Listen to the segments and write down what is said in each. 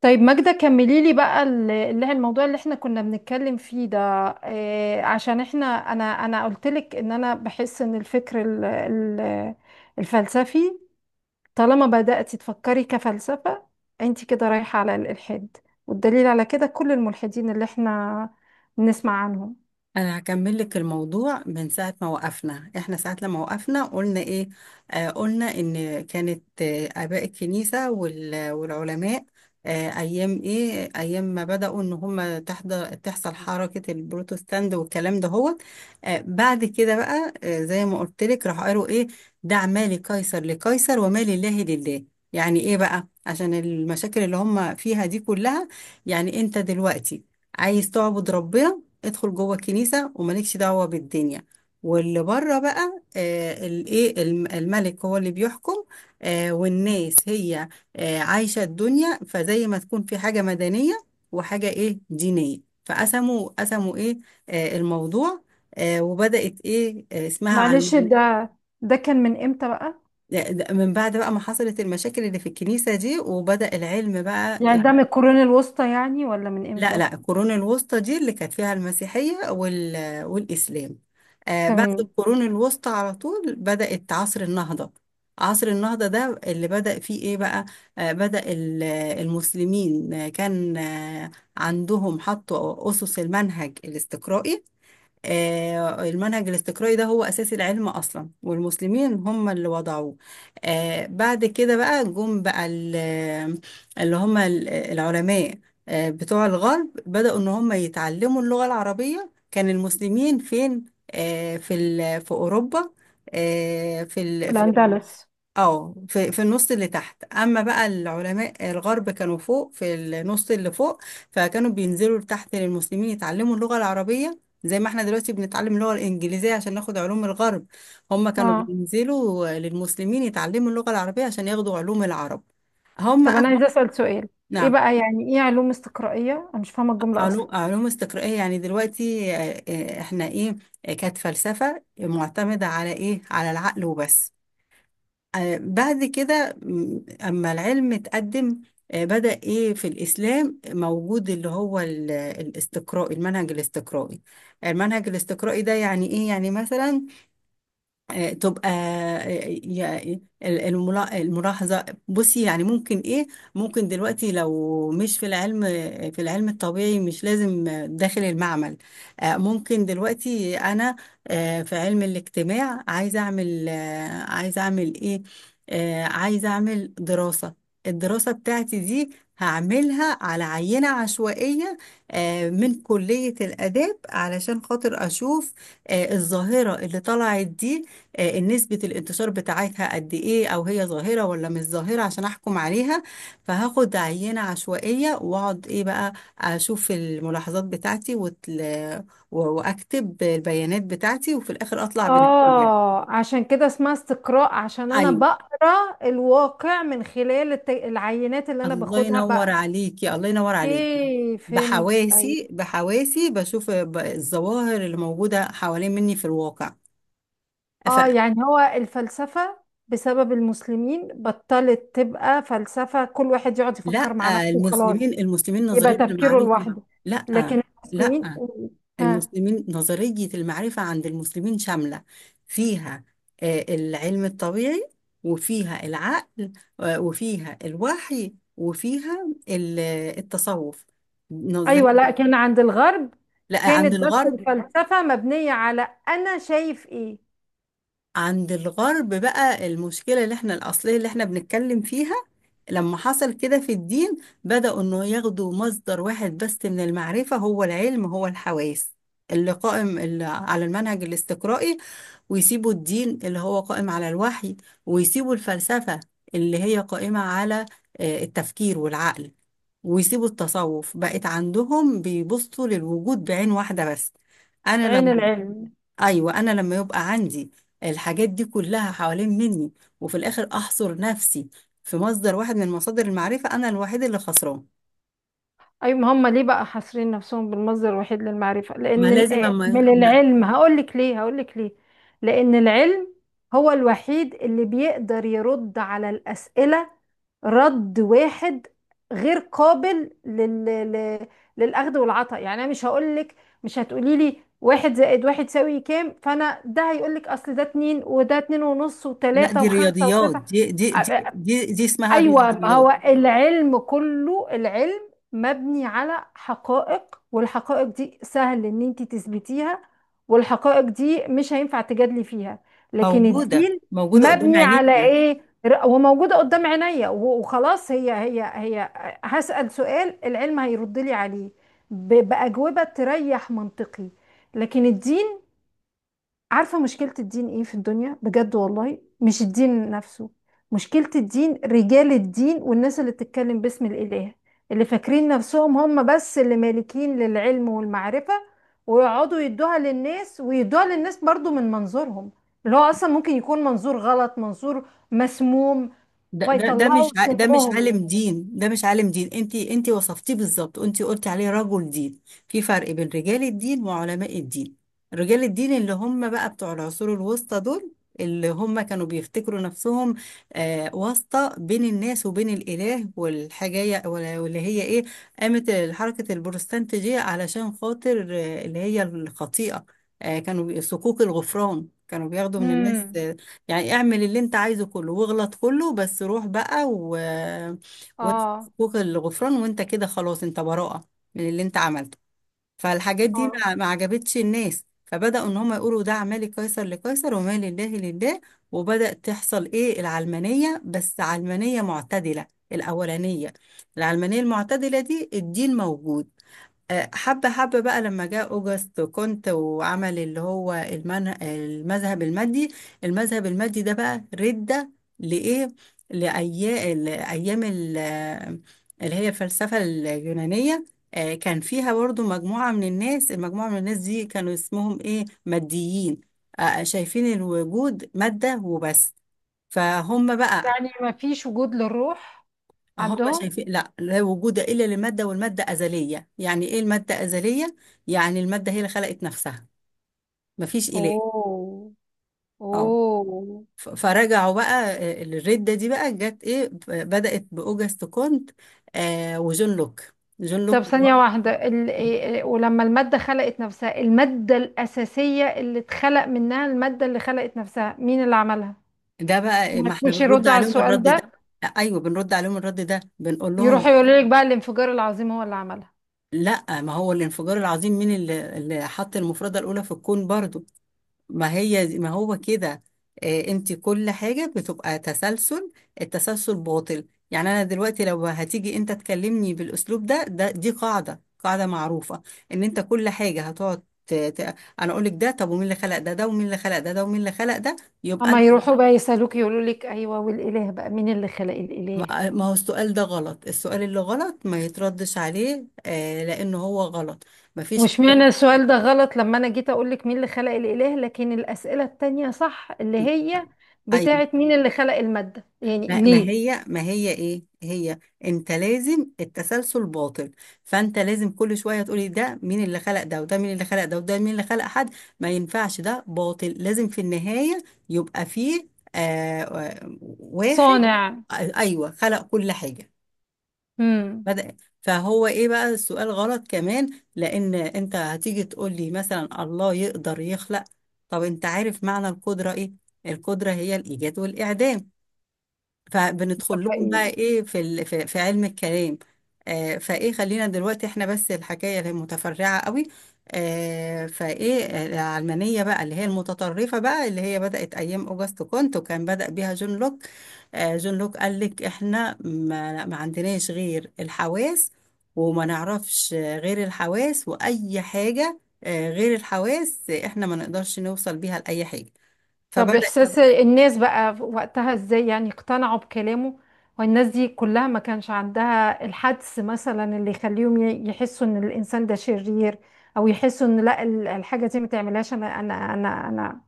طيب ماجدة كملي لي بقى اللي هي الموضوع اللي احنا كنا بنتكلم فيه ده إيه؟ عشان احنا انا قلت لك ان انا بحس ان الفكر الفلسفي، طالما بدأتي تفكري كفلسفة انت كده رايحة على الإلحاد. والدليل على كده كل الملحدين اللي احنا بنسمع عنهم. انا هكمل لك الموضوع من ساعه ما وقفنا احنا، ساعه لما وقفنا قلنا ايه. قلنا ان كانت اباء الكنيسه والعلماء ايام، ايام ما بداوا ان هم تحصل حركه البروتستانت والكلام ده هو. بعد كده بقى، زي ما قلت لك، راح قالوا ايه: دع ما لقيصر لقيصر وما لله لله. يعني ايه بقى؟ عشان المشاكل اللي هم فيها دي كلها، يعني انت دلوقتي عايز تعبد ربنا، ادخل جوه الكنيسة ومالكش دعوة بالدنيا. واللي بره بقى، الايه، الملك هو اللي بيحكم، والناس هي عايشة الدنيا. فزي ما تكون في حاجة مدنية وحاجة ايه دينية. فقسموا ايه الموضوع، وبدأت ايه، اسمها على معلش، ده ده كان من امتى بقى؟ ده من بعد بقى ما حصلت المشاكل اللي في الكنيسة دي وبدأ العلم بقى. يعني ده من القرون الوسطى يعني ولا من لا امتى؟ لا، القرون الوسطى دي اللي كانت فيها المسيحية والإسلام. بعد تمام. القرون الوسطى على طول بدأت عصر النهضة. عصر النهضة ده اللي بدأ فيه إيه بقى؟ آه بدأ ال- المسلمين، آه، كان آه عندهم، حطوا أسس المنهج الاستقرائي. المنهج الاستقرائي ده هو أساس العلم أصلا، والمسلمين هم اللي وضعوه. بعد كده بقى جم بقى العلماء، بتوع الغرب، بدأوا إن هم يتعلموا اللغة العربية. كان المسلمين فين؟ في أوروبا، آه، في ال- في الأندلس. اه في في النص اللي تحت، اما بقى العلماء الغرب كانوا فوق في النص اللي فوق. فكانوا بينزلوا لتحت للمسلمين يتعلموا اللغة العربية، زي ما احنا دلوقتي بنتعلم اللغة الإنجليزية عشان ناخد علوم الغرب، هم كانوا اه. بينزلوا للمسلمين يتعلموا اللغة العربية عشان ياخدوا علوم العرب. هم طب أخ... انا عايزه اسال سؤال، ايه نعم. بقى يعني ايه علوم استقرائيه؟ انا مش فاهمه الجمله اصلا. علوم استقرائية، يعني دلوقتي احنا ايه، كانت فلسفة معتمدة على ايه؟ على العقل وبس. بعد كده، أما العلم اتقدم، بدأ إيه في الإسلام موجود، اللي هو الاستقراء، المنهج الاستقرائي. المنهج الاستقرائي ده يعني إيه؟ يعني مثلا آه، تبقى آه، يا- ال- الملا- الملاحظة. بصي، يعني ممكن ايه، ممكن دلوقتي لو مش في العلم، في العلم الطبيعي، مش لازم داخل المعمل، ممكن دلوقتي انا، في علم الاجتماع، عايزة اعمل آه، عايزة اعمل ايه آه، عايزة اعمل دراسة. الدراسة بتاعتي دي هعملها على عينة عشوائية من كلية الآداب علشان خاطر أشوف الظاهرة اللي طلعت دي، نسبة الانتشار بتاعتها قد ايه، او هي ظاهرة ولا مش ظاهرة، عشان احكم عليها. فهاخد عينة عشوائية، واقعد ايه بقى، اشوف الملاحظات بتاعتي واكتب البيانات بتاعتي، وفي الاخر اطلع بنتيجة. اه، عشان كده اسمها استقراء، عشان انا ايوه. بقرا الواقع من خلال العينات اللي انا الله باخدها ينور بقى. عليكي، الله ينور عليكي. ايه، فهمت. بحواسي بحواسي بشوف الظواهر اللي موجودة حوالين مني في الواقع. اه، فلا. يعني هو الفلسفه بسبب المسلمين بطلت تبقى فلسفه كل واحد يقعد يفكر مع نفسه وخلاص، المسلمين يبقى نظرية تفكيره المعرفة. لوحده. لا لكن المسلمين. لا، ها. المسلمين، نظرية المعرفة عند المسلمين شاملة. فيها العلم الطبيعي، وفيها العقل، وفيها الوحي، وفيها التصوف. نظرية. ايوه، لا كان عند الغرب لا، عند كانت بس الغرب. الفلسفه مبنيه على انا شايف ايه. عند الغرب بقى المشكلة اللي احنا الأصلية اللي احنا بنتكلم فيها، لما حصل كده في الدين، بدأوا انه ياخدوا مصدر واحد بس من المعرفة، هو العلم، هو الحواس اللي قائم على المنهج الاستقرائي، ويسيبوا الدين اللي هو قائم على الوحي، ويسيبوا الفلسفة اللي هي قائمة على التفكير والعقل، ويسيبوا التصوف. بقت عندهم بيبصوا للوجود بعين واحدة بس. أنا عين لما العلم. ايوه، انا لما يبقى عندي الحاجات دي كلها حوالين مني، وفي الاخر احصر نفسي في مصدر واحد من مصادر المعرفه، انا الوحيد اللي خسران. أيوة، ما هم ليه بقى حاصرين نفسهم بالمصدر الوحيد للمعرفة؟ ما لأن لازم أما من ما العلم، هقولك ليه هقولك ليه. لأن العلم هو الوحيد اللي بيقدر يرد على الأسئلة رد واحد غير قابل لل... للأخذ والعطاء. يعني أنا مش هقولك، مش هتقولي لي واحد زائد واحد يساوي كام فأنا ده هيقولك أصل ده اتنين وده اتنين ونص لا، وتلاتة دي وخمسة رياضيات، وتسعة. دي اسمها ايوه، ما رياضيات. هو العلم كله، العلم مبني على حقائق، والحقائق دي سهل ان انت تثبتيها، والحقائق دي مش هينفع تجادلي فيها. لكن موجوده الدين موجوده قدام مبني على عينيكي. ايه؟ وموجوده قدام عينيا وخلاص، هي هي هي. هسأل سؤال، العلم هيرد لي عليه بأجوبة تريح منطقي. لكن الدين، عارفة مشكلة الدين ايه في الدنيا بجد والله؟ مش الدين نفسه، مشكلة الدين رجال الدين والناس اللي بتتكلم باسم الإله، اللي فاكرين نفسهم هم بس اللي مالكين للعلم والمعرفة، ويقعدوا يدوها للناس ويدوها للناس برضو من منظورهم، اللي هو أصلا ممكن يكون منظور غلط، منظور مسموم، ده فيطلعوا مش ع- ده مش سمهم. عالم دين، ده مش عالم دين، انت وصفتيه بالظبط، انت قلتي عليه رجل دين. في فرق بين رجال الدين وعلماء الدين. رجال الدين اللي هم بقى بتوع العصور الوسطى دول، اللي هم كانوا بيفتكروا نفسهم واسطة بين الناس وبين الإله، واللي هي ايه، قامت حركة البروتستانتية علشان خاطر اللي هي الخطيئة. صكوك الغفران كانوا بياخدوا من الناس، امم. يعني اعمل اللي انت عايزه كله واغلط كله، بس روح بقى و اه. وفوق الغفران، وانت كده خلاص انت براءة من اللي انت عملته. فالحاجات دي اه، ما عجبتش الناس، فبدأوا ان هم يقولوا ده: اعمال قيصر لقيصر وما لله لله. وبدأ تحصل ايه، العلمانية، بس علمانية معتدلة الأولانية. العلمانية المعتدلة دي، الدين موجود، حبة حبة. بقى لما جاء أوجست كنت وعمل اللي هو المذهب المادي. المذهب المادي ده بقى ردة لإيه؟ لأيام، الأيام ال- آه، اللي هي الفلسفة اليونانية، كان فيها برضو مجموعة من الناس. المجموعة من الناس دي كانوا اسمهم إيه، ماديين، شايفين الوجود مادة وبس. فهم بقى، يعني ما فيش وجود للروح هم عندهم؟ شايفين لا لا وجود الا لماده، والماده ازليه. يعني ايه الماده ازليه؟ يعني الماده هي اللي خلقت نفسها، مفيش اله. اوه. اه. اوه. فرجعوا بقى، الرده دي بقى جت ايه، بدات باوجست كونت وجون لوك. جون طب لوك ثانية واحدة، إيه، ولما المادة خلقت نفسها، المادة الأساسية اللي اتخلق منها المادة اللي خلقت نفسها، مين اللي عملها؟ ده بقى، ما ما احنا تقولش بنرد يردوا على عليهم السؤال الرد ده. ده، ايوه، بنرد عليهم الرد ده، بنقول لهم: يروحوا يقولوا لك بقى الانفجار العظيم هو اللي عملها. لا، ما هو الانفجار العظيم مين اللي حط المفرده الاولى في الكون برضو؟ ما هو كده، انت كل حاجة بتبقى تسلسل، التسلسل باطل. يعني انا دلوقتي لو هتيجي انت تكلمني بالاسلوب ده، دي قاعدة، قاعدة معروفة، ان انت كل حاجة هتقعد انا اقول لك ده طب ومين اللي خلق ده، ده ومين اللي خلق ده، ده ومين اللي خلق ده، يبقى أما انت. يروحوا بقى يسألوك يقولوا لك أيوه، والإله بقى مين اللي خلق الإله؟ ما هو السؤال ده غلط، السؤال اللي غلط ما يتردش عليه، لانه هو غلط، ما فيش مش حاجة. معنى السؤال ده غلط لما أنا جيت أقول لك مين اللي خلق الإله، لكن الأسئلة التانية صح، اللي هي أيوة. بتاعت مين اللي خلق المادة؟ يعني ما ما ليه؟ هي ما هي ايه هي انت لازم، التسلسل باطل، فانت لازم كل شويه تقولي: ده مين اللي خلق ده، وده مين اللي خلق ده، وده مين اللي خلق حد. ما ينفعش، ده باطل، لازم في النهايه يبقى فيه واحد، صانع. ايوه، خلق كل حاجه. امم. بدأ، فهو ايه بقى، السؤال غلط كمان، لان انت هتيجي تقولي مثلا: الله يقدر يخلق. طب انت عارف معنى القدره ايه؟ القدره هي الايجاد والاعدام. فبندخل لهم بقى حقيقي. ايه، في علم الكلام. آه فايه خلينا دلوقتي احنا بس، الحكايه اللي هي متفرعه قوي. آه فايه آه، العلمانيه بقى اللي هي المتطرفه بقى، اللي هي بدات ايام اوجست كونت، وكان بدا بيها جون لوك. جون لوك قال لك: احنا ما عندناش غير الحواس، وما نعرفش غير الحواس، واي حاجه غير الحواس احنا ما نقدرش نوصل بيها لاي حاجه. طب فبدا. إحساس الناس بقى وقتها إزاي؟ يعني اقتنعوا بكلامه؟ والناس دي كلها ما كانش عندها الحدس مثلا اللي يخليهم يحسوا إن الإنسان ده شرير، أو يحسوا إن لا الحاجة دي ما تعملهاش، أنا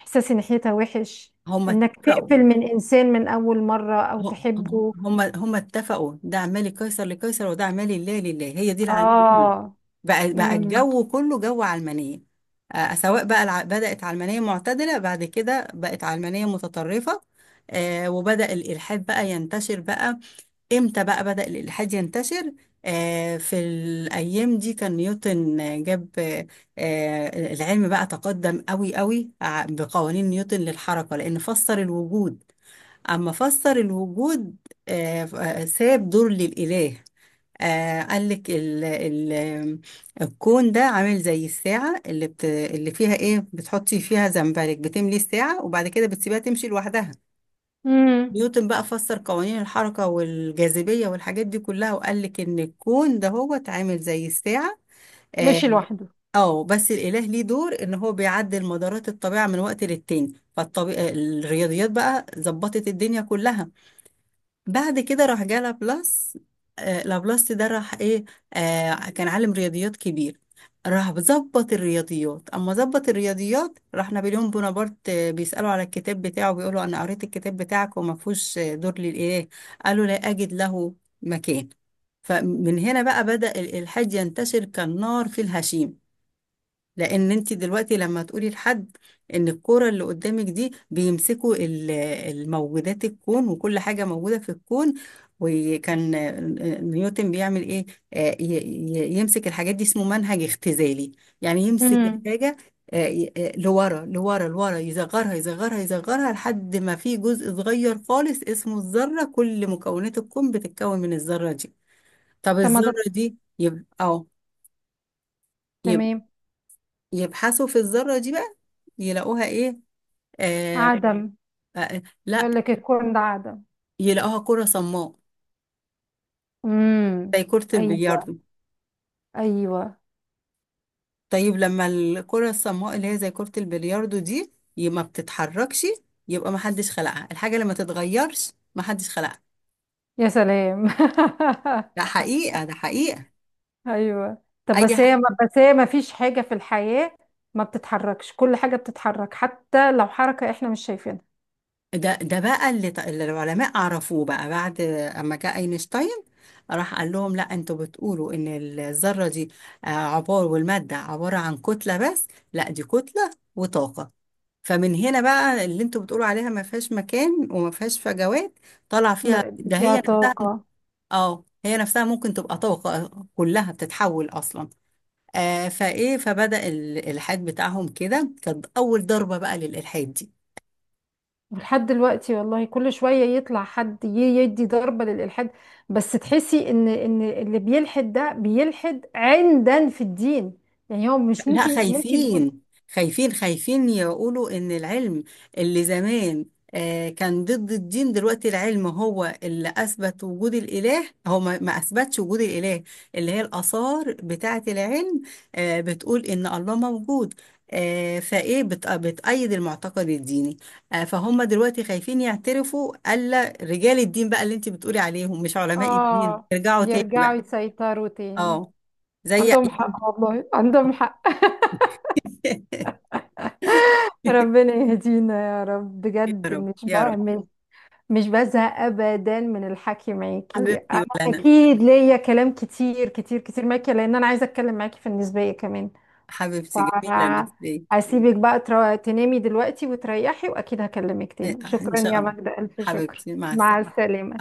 إحساسي ناحيتها وحش، هم إنك اتفقوا، تقفل من إنسان من أول مرة أو هم تحبه. هم هم اتفقوا، ده اعمالي قيصر لقيصر، وده اعمالي لله لله. هي دي العلمانية آه. بقى، امم. الجو كله جو علمانية. سواء بقى بدأت علمانية معتدلة، بعد كده بقت علمانية متطرفة، وبدأ الإلحاد بقى ينتشر بقى. امتى بقى بدأ الإلحاد ينتشر؟ في الأيام دي كان نيوتن، آه، جاب آه آه، العلم بقى تقدم قوي قوي بقوانين نيوتن للحركة، لأن فسر الوجود. أما فسر الوجود، ساب دور للإله، قال لك: ال ال الكون ده عامل زي الساعة اللي فيها إيه، بتحطي فيها زنبرك، بتملي الساعة وبعد كده بتسيبها تمشي لوحدها. امم. نيوتن بقى فسر قوانين الحركة والجاذبية والحاجات دي كلها، وقال لك إن الكون ده هو اتعامل زي الساعة. اه. ماشي لوحده. بس الإله ليه دور، إن هو بيعدل مدارات الطبيعة من وقت للتاني، فالطبيعة، الرياضيات بقى ظبطت الدنيا كلها. بعد كده راح جه لابلاس، لابلاس ده راح ايه، كان عالم رياضيات كبير، راح ظبط الرياضيات. اما ظبط الرياضيات، راح نابليون بونابرت بيسألوا على الكتاب بتاعه، بيقولوا: انا قريت الكتاب بتاعك وما فيهوش دور للاله. قالوا: لا اجد له مكان. فمن هنا بقى بدأ الإلحاد ينتشر كالنار في الهشيم. لان انت دلوقتي لما تقولي لحد ان الكوره اللي قدامك دي بيمسكوا الموجودات، الكون وكل حاجه موجوده في الكون، وكان نيوتن بيعمل ايه، يمسك الحاجات دي، اسمه منهج اختزالي، يعني يمسك امم. الحاجه لورا لورا لورا، يصغرها يصغرها يصغرها، لحد ما في جزء صغير خالص اسمه الذره. كل مكونات الكون بتتكون من الذره دي، طب طب ما الذره ده. دي يبقى اه، يبقى تمام. يبحثوا في الذرة دي بقى يلاقوها ايه؟ آه عدم. لا، يقول لك الكون ده عدم. يلاقوها كرة صماء، امم. زي كرة ايوه. البلياردو. ايوه. طيب لما الكرة الصماء اللي هي زي كرة البلياردو دي ما بتتحركش، يبقى ما حدش خلقها، الحاجة اللي ما تتغيرش ما حدش خلقها. يا سلام. ده حقيقة، ده حقيقة. ايوه، طب اي بس ح... هي ما، بس هي ما فيش حاجه في الحياه ما بتتحركش، كل حاجه بتتحرك حتى لو حركه احنا مش شايفينها. ده بقى اللي العلماء عرفوه بقى، بعد اما جاء اينشتاين، راح قال لهم: لا، انتوا بتقولوا ان الذرة دي والمادة عبارة عن كتلة بس، لا، دي كتلة وطاقة. فمن هنا بقى، اللي انتوا بتقولوا عليها ما فيهاش مكان وما فيهاش فجوات، طالع فيها لا، ده، فيها هي طاقه. اه، هي نفسها ممكن تبقى طاقة، كلها بتتحول اصلا. آه فايه فبدأ الالحاد بتاعهم كده، كانت اول ضربة بقى للالحاد دي. ولحد دلوقتي والله كل شويه يطلع حد يدي ضربه للالحاد. بس تحسي ان ان اللي بيلحد ده بيلحد عندا في الدين، يعني هو مش لا، ممكن، ممكن يكون. خايفين، خايفين خايفين يقولوا ان العلم اللي زمان كان ضد الدين، دلوقتي العلم هو اللي اثبت وجود الاله، هو ما اثبتش وجود الاله، اللي هي الاثار بتاعه العلم بتقول ان الله موجود، بتأيد المعتقد الديني، فهم دلوقتي خايفين يعترفوا، الا رجال الدين بقى، اللي انت بتقولي عليهم مش علماء الدين، اه. ارجعوا تاني يرجعوا بقى. يسيطروا تاني. اه. زي عندهم أيام- حق والله، عندهم حق. ربنا يهدينا يا رب يا بجد. رب، مش يا رب. بعمل، مش بزهق ابدا من الحكي معاكي انا. حبيبتي. اكيد ليا كلام كتير كتير كتير معاكي، لان انا عايزه اتكلم معاكي في النسبيه كمان. حبيبتي، جميلة الرسالة. فهسيبك بقى تنامي دلوقتي وتريحي، واكيد هكلمك إيه، تاني. إن شكرا شاء يا الله. ماجدة، الف شكر، حبيبتي، مع مع السلامة. الله. السلامه.